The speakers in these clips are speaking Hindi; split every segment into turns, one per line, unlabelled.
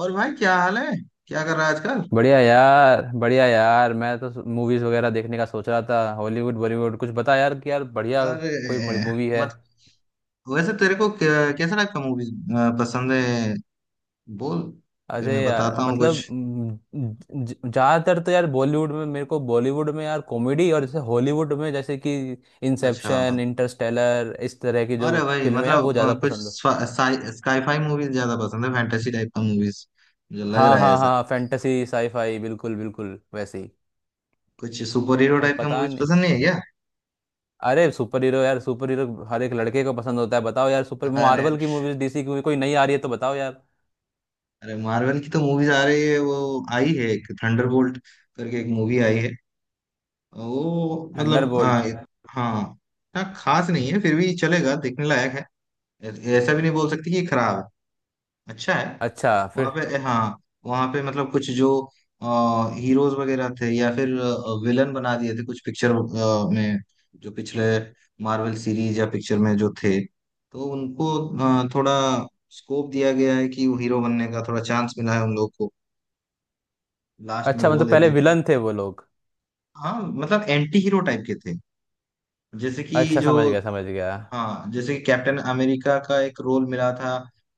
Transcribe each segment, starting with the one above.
और भाई क्या हाल है, क्या कर रहा है आजकल?
बढ़िया यार, बढ़िया यार। मैं तो मूवीज वगैरह देखने का सोच रहा था। हॉलीवुड, बॉलीवुड कुछ बता यार, कि यार बढ़िया
अरे
कोई मूवी है।
मत, वैसे तेरे को कैसे टाइप का मूवीज पसंद है बोल, फिर
अरे
मैं
यार,
बताता हूँ कुछ।
मतलब ज़्यादातर तो यार बॉलीवुड में, मेरे को बॉलीवुड में यार कॉमेडी, और जैसे हॉलीवुड में जैसे कि
अच्छा।
इंसेप्शन, इंटरस्टेलर, इस तरह की जो
अरे भाई
फिल्में हैं वो
मतलब
ज़्यादा
कुछ
पसंद है।
स्काईफाई मूवीज ज्यादा पसंद है, फैंटेसी टाइप का मूवीज मुझे लग
हाँ
रहा है
हाँ
ऐसा।
हाँ, फैंटेसी साईफाई, बिल्कुल बिल्कुल वैसे ही।
कुछ सुपर हीरो
अब
टाइप का
पता
मूवीज
नहीं।
पसंद नहीं है क्या?
अरे सुपर हीरो यार, सुपर हीरो हर एक लड़के को पसंद होता है। बताओ यार, सुपर
अरे,
मार्वल की मूवीज, डीसी की मूवी कोई नई आ रही है तो बताओ यार।
अरे मार्वल की तो मूवीज आ रही है, वो आई है, एक थंडरबोल्ट करके एक मूवी आई है। वो मतलब
थंडरबोल्ट।
हाँ हाँ इतना खास नहीं है, फिर भी चलेगा, देखने लायक है। ऐ- ऐसा भी नहीं बोल सकती कि खराब है, अच्छा है।
अच्छा फिर।
वहाँ पे हाँ, वहाँ पे मतलब कुछ जो हीरोज वगैरह थे या फिर विलन बना दिए थे कुछ पिक्चर में, जो पिछले मार्वल सीरीज या पिक्चर में जो थे, तो उनको थोड़ा स्कोप दिया गया है कि वो हीरो बनने का थोड़ा चांस मिला है उन लोग को, लास्ट में
अच्छा, मतलब
बोल देते
पहले
हैं कि।
विलन थे वो लोग।
हाँ मतलब एंटी हीरो टाइप के थे, जैसे कि
अच्छा,
जो।
समझ गया समझ गया।
हाँ जैसे कि कैप्टन अमेरिका का एक रोल मिला था,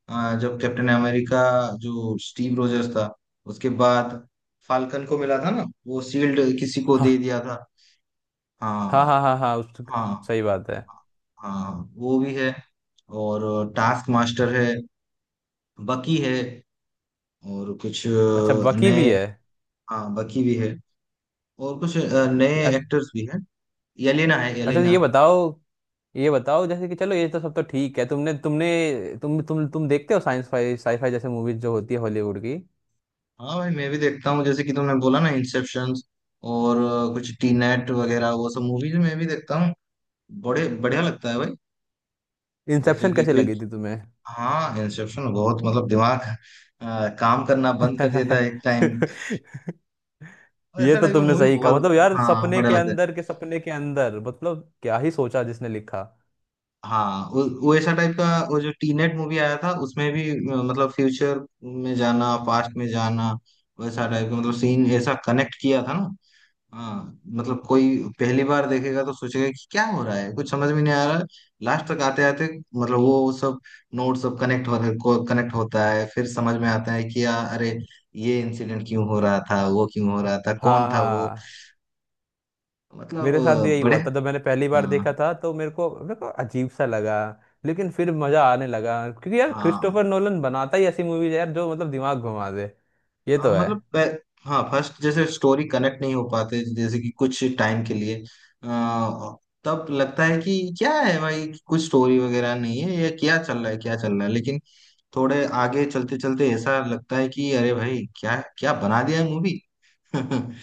जब कैप्टन अमेरिका, जो स्टीव रोजर्स था, उसके बाद फाल्कन को मिला था ना, वो शील्ड किसी को दे
हाँ
दिया था।
हाँ हाँ
हाँ।
हाँ हाँ, उस।
हाँ।
सही बात है।
हाँ, वो भी है, और टास्क मास्टर है, बकी है, और कुछ
अच्छा बकी भी
नए।
है।
हाँ बकी भी है, और कुछ नए
अ-
एक्टर्स भी हैं, येलेना है
अच्छा ये
येलेना।
बताओ, ये बताओ जैसे कि, चलो ये तो सब तो ठीक है। तुमने तुमने तुम देखते हो साइंस फाई, साईफाई जैसे मूवीज जो होती है हॉलीवुड की।
हाँ भाई मैं भी देखता हूँ, जैसे कि तुमने बोला ना इंसेप्शन और कुछ टी नेट वगैरह, वो सब मूवीज मैं भी देखता हूँ, बड़े बढ़िया लगता है भाई। जैसे
इंसेप्शन
कि,
कैसे
कि
लगी थी तुम्हें?
हाँ इंसेप्शन बहुत मतलब दिमाग काम करना बंद कर देता है एक टाइम।
ये
ऐसा
तो
टाइप का
तुमने
मूवी
सही कहा।
बहुत,
मतलब यार,
हाँ
सपने
बढ़िया
के
लगता है।
अंदर के सपने के अंदर, मतलब क्या ही सोचा जिसने लिखा।
हाँ वो ऐसा टाइप का, वो जो टी नेट मूवी आया था उसमें भी मतलब फ्यूचर में जाना, पास्ट में जाना, वैसा टाइप का मतलब सीन ऐसा कनेक्ट किया था ना। हाँ मतलब कोई पहली बार देखेगा तो सोचेगा कि क्या हो रहा है, कुछ समझ में नहीं आ रहा, लास्ट तक आते आते मतलब वो सब नोट सब कनेक्ट हो को कनेक्ट होता है, फिर समझ में आता है कि यार अरे ये इंसिडेंट क्यों हो रहा था, वो क्यों हो रहा था,
हाँ
कौन था वो।
हाँ।
मतलब
मेरे साथ भी यही
बड़े।
हुआ था। जब मैंने पहली बार
हाँ।
देखा था तो मेरे को अजीब सा लगा। लेकिन फिर मजा आने लगा, क्योंकि यार
हाँ।
क्रिस्टोफर नोलन बनाता ही ऐसी मूवीज यार जो मतलब दिमाग घुमा दे। ये
हाँ,
तो है।
मतलब प- हाँ फर्स्ट जैसे स्टोरी कनेक्ट नहीं हो पाते जैसे कि कुछ टाइम के लिए, अ, तब लगता है कि क्या है भाई, कुछ स्टोरी वगैरह नहीं है, ये क्या चल रहा है क्या चल रहा है, लेकिन थोड़े आगे चलते चलते ऐसा लगता है कि अरे भाई क्या क्या बना दिया है मूवी।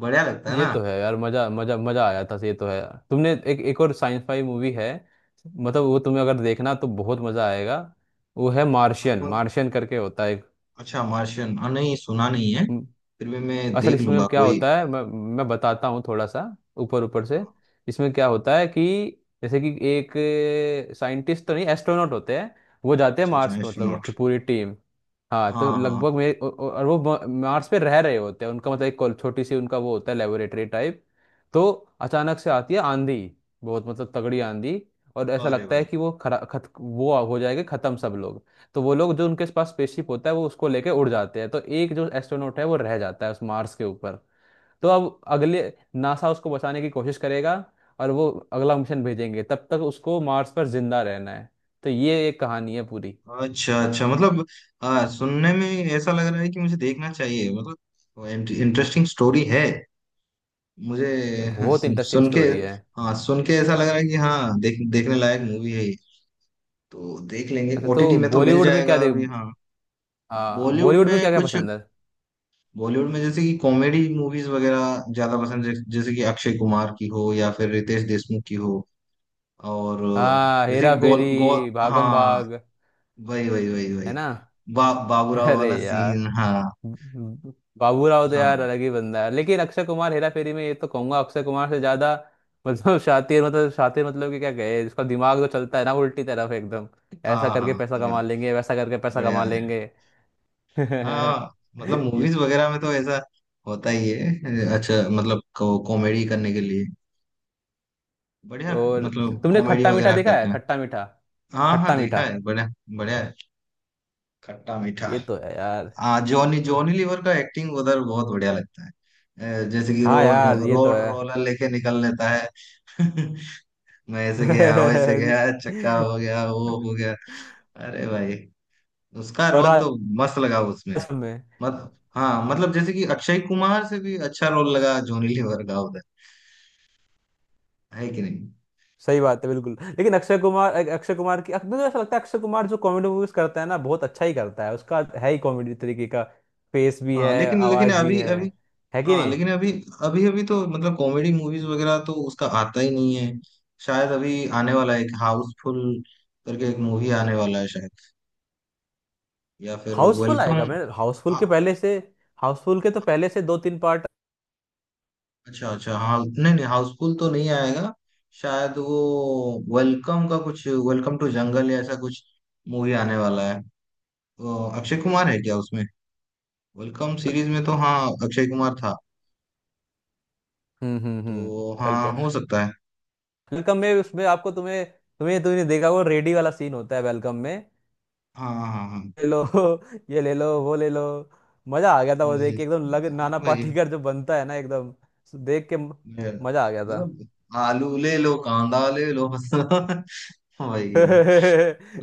बढ़िया लगता है
ये
ना।
तो है यार, मजा मजा मजा आया था। ये तो है यार, तुमने एक एक और साइंस फाई मूवी है। मतलब वो तुम्हें अगर देखना तो बहुत मजा आएगा। वो है मार्शियन,
आपको।
मार्शियन करके होता है।
अच्छा मार्शियन, नहीं सुना नहीं है,
एक,
फिर भी मैं
असल
देख
इसमें
लूंगा
क्या
कोई।
होता है। मैं बताता हूँ थोड़ा सा, ऊपर ऊपर से। इसमें क्या होता है कि, जैसे कि एक साइंटिस्ट तो नहीं, एस्ट्रोनॉट होते हैं। वो जाते हैं
अच्छा
मार्स
अच्छा
पे, मतलब उसकी
एस्ट्रोनॉट।
पूरी टीम। हाँ, तो
हाँ हाँ।
लगभग मेरे और वो मार्स पे रह रहे होते हैं। उनका मतलब एक छोटी सी उनका वो होता है, लेबोरेटरी टाइप। तो अचानक से आती है आंधी, बहुत मतलब तगड़ी आंधी। और ऐसा
अरे
लगता है
भाई।
कि वो खरा खत वो हो जाएगा खत्म सब लोग। तो वो लोग, जो उनके पास स्पेसशिप होता है वो उसको लेके उड़ जाते हैं। तो एक जो एस्ट्रोनॉट है वो रह जाता है उस मार्स के ऊपर। तो अब अगले, नासा उसको बचाने की कोशिश करेगा, और वो अगला मिशन भेजेंगे। तब तक उसको मार्स पर जिंदा रहना है। तो ये एक कहानी है पूरी।
अच्छा अच्छा मतलब सुनने में ऐसा लग रहा है कि मुझे देखना चाहिए, मतलब इंटरेस्टिंग स्टोरी है मुझे।
बहुत इंटरेस्टिंग
सुन के।
स्टोरी है।
हाँ सुन के ऐसा लग रहा है कि हाँ देख देखने लायक मूवी है ये। तो देख लेंगे,
अच्छा
ओटीटी
तो
में तो मिल
बॉलीवुड में क्या
जाएगा
देख।
अभी, हाँ। बॉलीवुड
बॉलीवुड
में
में क्या क्या
कुछ,
पसंद है?
बॉलीवुड में जैसे कि कॉमेडी मूवीज वगैरह ज्यादा पसंद है, जैसे कि अक्षय कुमार की हो या फिर रितेश देशमुख की हो और
हाँ
जैसे
हेरा
कि गोल गोल।
फेरी, भागम
हाँ
भाग,
वही वही वही
है
वही।
ना?
बाबूराव
अरे
वाला
यार,
सीन, हाँ।
बाबूराव तो यार
हाँ
अलग ही बंदा है। लेकिन अक्षय कुमार हेरा फेरी में, ये तो कहूंगा अक्षय कुमार से ज्यादा। मतलब शातिर, मतलब शातिर, मतलब कि क्या कहे, इसका दिमाग तो चलता है ना उल्टी तरफ एकदम। ऐसा
हाँ
करके
हाँ
पैसा
पूरा।
कमा लेंगे, वैसा करके पैसा
बढ़िया
कमा
है।
लेंगे।
हाँ मतलब
ये-
मूवीज वगैरह में तो ऐसा होता ही है। अच्छा मतलब कॉमेडी करने के लिए बढ़िया,
और
मतलब
तुमने
कॉमेडी
खट्टा मीठा
वगैरह
देखा है?
करते हैं।
खट्टा मीठा,
हाँ हाँ
खट्टा मीठा।
देखा है, बढ़िया। बढ़िया है खट्टा मीठा।
ये तो है यार।
हाँ जॉनी, जॉनी लीवर का एक्टिंग उधर बहुत बढ़िया लगता है। जैसे कि
हाँ
रोड,
यार ये तो
रोड
है।
रोलर लेके निकल लेता है। मैं ऐसे गया वैसे गया, चक्का हो गया वो हो गया। अरे भाई, उसका
और
रोल
राज
तो मस्त लगा उसमें।
में।
मत। हाँ मतलब जैसे कि अक्षय कुमार से भी अच्छा रोल लगा जॉनी लीवर का उधर, है कि नहीं।
सही बात है बिल्कुल। लेकिन अक्षय कुमार, अक्षय कुमार की मुझे ऐसा लगता है, अक्षय कुमार जो कॉमेडी मूवीज करता है ना बहुत अच्छा ही करता है। उसका है ही कॉमेडी तरीके का, फेस भी
हाँ
है,
लेकिन लेकिन
आवाज भी
अभी
है
अभी,
है कि
हाँ
नहीं?
लेकिन अभी अभी, अभी तो मतलब कॉमेडी मूवीज वगैरह तो उसका आता ही नहीं है, शायद अभी आने वाला है एक हाउसफुल करके एक मूवी आने वाला है शायद, या फिर
हाउसफुल
वेलकम।
आएगा, मैं हाउसफुल के पहले से। हाउसफुल के तो पहले से दो तीन पार्ट।
अच्छा अच्छा, हाँ नहीं नहीं हाउसफुल तो नहीं आएगा शायद, वो वेलकम का कुछ, वेलकम टू जंगल या ऐसा कुछ मूवी आने वाला है, तो अक्षय कुमार है क्या उसमें? वेलकम सीरीज में तो हाँ, अक्षय कुमार था,
हम्म।
तो
वेलकम।
हाँ हो सकता है।
वेलकम में उसमें आपको तुम्हें तुम्हें तुमने देखा वो रेडी वाला सीन होता है वेलकम में?
हाँ हाँ हाँ।
ले लो, ये ले लो वो ले लो। मजा आ गया था वो
जी
देख
जी।
के, एकदम लग,
हाँ,
नाना
भाई।
पाटेकर जो बनता है ना एकदम। देख के म-
ये,
मजा आ गया था।
मतलब आलू ले लो कांदा ले लो बस भाई।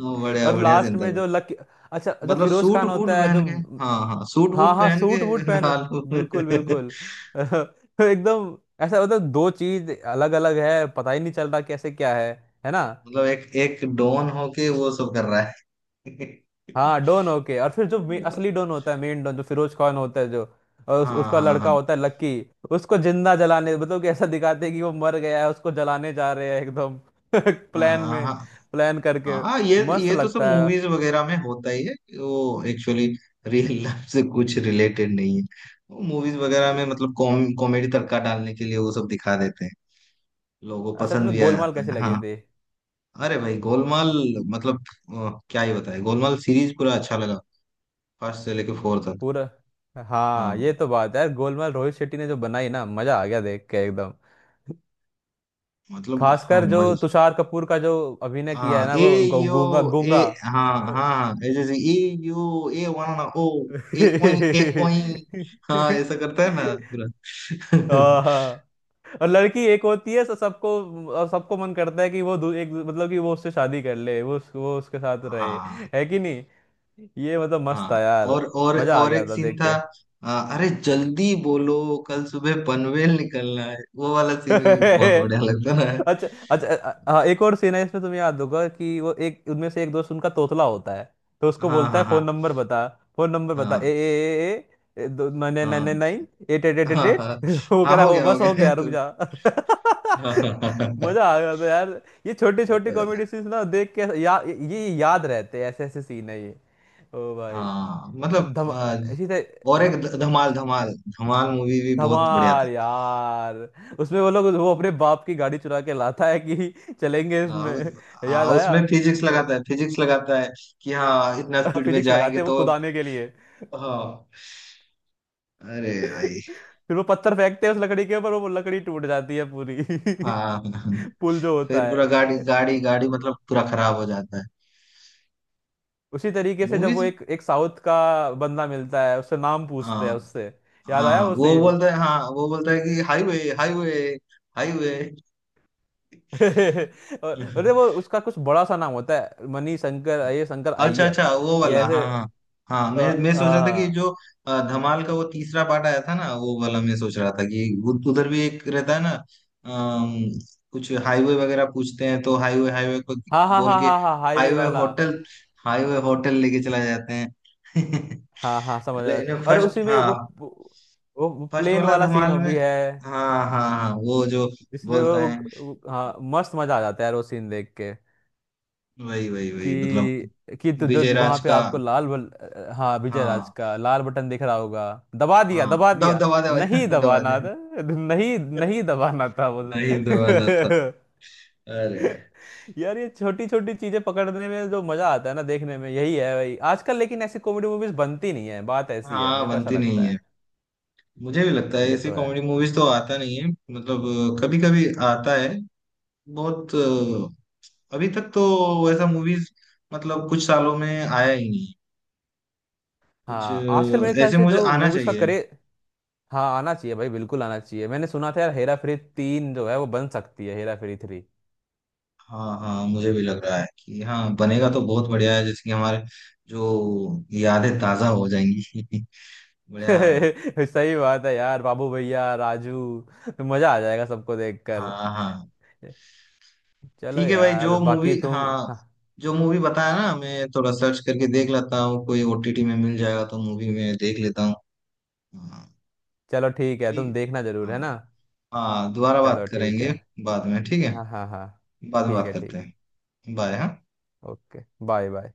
हाँ, बढ़िया
और
बढ़िया
लास्ट
जिंदा
में
हो।
जो लक। अच्छा जो
मतलब
फिरोज
सूट
खान
वूट
होता है
पहन
जो।
के, हाँ हाँ सूट
हाँ
वूट
हाँ
पहन
सूट वूट
के
पहन,
आलू।
बिल्कुल बिल्कुल, एकदम। ऐसा मतलब दो चीज अलग अलग है, पता ही नहीं चल रहा कैसे क्या है ना?
मतलब एक एक डॉन होके वो सब कर रहा है।
हाँ डॉन ओके, और फिर जो असली डॉन होता है, मेन डॉन जो फिरोज खान होता है जो। और
हाँ
उसका
हाँ
लड़का
हाँ
होता है लक्की, उसको जिंदा जलाने, मतलब कि ऐसा दिखाते हैं कि वो मर गया है। उसको जलाने जा रहे हैं एकदम
हाँ
प्लान
हाँ
में,
हाँ
प्लान करके।
हाँ,
मस्त
ये तो सब
लगता
मूवीज वगैरह में होता ही है, वो एक्चुअली रियल लाइफ से कुछ रिलेटेड नहीं है, वो मूवीज वगैरह
है।
में मतलब कॉमेडी तड़का डालने के लिए वो सब दिखा देते हैं, लोगों को
अच्छा
पसंद
तुम्हें
भी आ
गोलमाल
जाता
कैसे
है
लगे
हाँ।
थे?
अरे भाई गोलमाल मतलब क्या ही बताए, गोलमाल सीरीज पूरा अच्छा लगा, फर्स्ट से लेके फोर तक।
पूरा। हाँ
हाँ
ये तो बात है यार, गोलमाल रोहित शेट्टी ने जो बनाई ना, मजा आ गया देख के एकदम।
मतलब हाँ
खासकर जो
मजे।
तुषार कपूर का जो अभिनय किया है
हाँ
ना,
ए
वो
यू
गूंगा
ए,
गूंगा।
हाँ हाँ ये जैसे ए यू ए वनाना ओ, ए ओई ए ओई, हाँ ऐसा करता है ना पूरा।
हाँ, और लड़की एक होती है तो सबको, और सबको मन करता है कि वो एक, मतलब कि वो उससे शादी कर ले, वो वो उसके साथ रहे।
हाँ
है कि नहीं? ये मतलब मस्त
हाँ।
था यार। मजा आ
और
गया
एक
था
सीन
देख।
था, अरे जल्दी बोलो, कल सुबह पनवेल निकलना है वो वाला सीन भी बहुत बढ़िया लगता है
अच्छा अच्छा, हाँ एक और सीन है इसमें, तुम्हें याद होगा कि वो एक उनमें से एक दोस्त उनका तोतला होता है। तो
ना।
उसको
हाँ
बोलता है
हाँ
फोन
हाँ
नंबर बता, फोन नंबर बता। ए
हाँ
ए, ए ए, नाइन नाइन
हाँ
nine nine, eight eight eight eight
हाँ
एट
हाँ
वो कह
हाँ,
रहा
हो
हो
गया हो
बस हो
गया।
गया रुक जा।
हाँ हाँ हाँ।
मजा आ गया था यार। ये छोटे छोटे
हाँ,
कॉमेडी सीन्स ना देख के, ये याद रहते हैं। ऐसे ऐसे सीन है ये। ओ भाई,
हाँ,
और
मतलब
धमा, इसी
और एक
तरह।
धमाल, धमाल, धमाल मूवी भी बहुत बढ़िया था।
धमाल यार, उसमें वो लोग वो अपने बाप की गाड़ी चुरा के लाता है कि चलेंगे,
आ,
इसमें
आ,
याद आया।
उसमें फिजिक्स लगाता है, फिजिक्स लगाता है कि हाँ इतना स्पीड में
फिजिक्स लगाते
जाएंगे
हैं वो
तो।
खुदाने के लिए।
हाँ। अरे भाई।
फिर वो पत्थर फेंकते हैं उस लकड़ी के ऊपर, वो लकड़ी टूट जाती है पूरी,
हाँ हाँ।
पुल जो होता
फिर पूरा गाड़ी
है।
गाड़ी गाड़ी मतलब पूरा खराब हो जाता है।
उसी तरीके से जब वो,
मूवीज।
एक एक साउथ का बंदा मिलता है, उससे नाम पूछते हैं
हाँ।
उससे, याद आया
हाँ
वो
वो
सीन।
बोलता है, हाँ वो बोलता है कि हाईवे हाईवे हाईवे।
और- अरे वो उसका कुछ बड़ा सा नाम होता है, मनी शंकर, ये शंकर
अच्छा
अय्यर।
अच्छा वो
ये
वाला,
ऐसे।
हाँ हाँ। हाँ
अ,
मैं सोच रहा था कि
अ,
जो धमाल का वो तीसरा पार्ट आया था ना, वो वाला मैं सोच रहा था कि उधर भी एक रहता है ना, अम, कुछ हाईवे वगैरह पूछते हैं तो हाईवे हाईवे को
हाँ हाँ
बोल
हाँ
के
हाँ हाँ, हाईवे
हाईवे
वाला।
होटल, हाईवे होटल लेके चला जाते हैं।
हाँ हाँ समझ आया।
लेकिन
और उसी
फर्स्ट
में
हाँ,
वो
फर्स्ट
प्लेन
वाला
वाला सीन हो
धमाल में।
भी है,
हाँ हाँ हाँ वो जो
जिसमें
बोलता है।
वो हाँ मस्त मजा आ जाता है यार वो सीन देख के।
वही वही वही मतलब।
कि तो जो
विजय
वहां
राज
पे
का
आपको हाँ विजय राज
हाँ।
का लाल बटन दिख रहा होगा। दबा दिया
हाँ
दबा
दवा
दिया।
दवा दवा
नहीं
दवा दे,
दबाना था, नहीं नहीं दबाना था वो।
नहीं दवाना था। अरे।
यार ये छोटी छोटी चीजें पकड़ने में जो मजा आता है ना देखने में, यही है भाई आजकल। लेकिन ऐसी कॉमेडी मूवीज बनती नहीं है, बात ऐसी है।
हाँ
मेरे को ऐसा
बनती नहीं
लगता
है,
है।
मुझे भी लगता है
ये
ऐसी
तो है।
कॉमेडी मूवीज तो आता नहीं है मतलब, कभी कभी आता है, बहुत अभी तक तो वैसा मूवीज मतलब कुछ सालों में आया ही नहीं, कुछ
हाँ आजकल मेरे ख्याल
ऐसे
से
मुझे
जो
आना
मूवीज का
चाहिए।
करे। हाँ आना चाहिए भाई, बिल्कुल आना चाहिए। मैंने सुना था यार, हेरा फेरी 3 जो है वो बन सकती है, हेरा फेरी 3।
हाँ हाँ मुझे भी लग रहा है कि हाँ बनेगा तो बहुत बढ़िया है, जैसे कि हमारे जो यादें ताजा हो जाएंगी। बढ़िया होगा।
सही बात है यार, बाबू भैया राजू, मजा आ जाएगा सबको
हाँ
देखकर।
हाँ।
चलो
ठीक है भाई,
यार
जो
बाकी
मूवी
तुम।
हाँ,
हाँ,
जो मूवी बताया ना मैं थोड़ा सर्च करके देख लेता हूँ, कोई ओटीटी में मिल जाएगा तो मूवी में देख लेता हूँ। हाँ
चलो ठीक है
ठीक
तुम देखना
है,
जरूर, है ना?
हाँ। हाँ दोबारा बात
चलो ठीक है।
करेंगे बाद में, ठीक है,
हाँ हाँ हाँ।
बाद में
ठीक
बात
है
करते
ठीक।
हैं। बाय, हाँ।
Okay bye bye.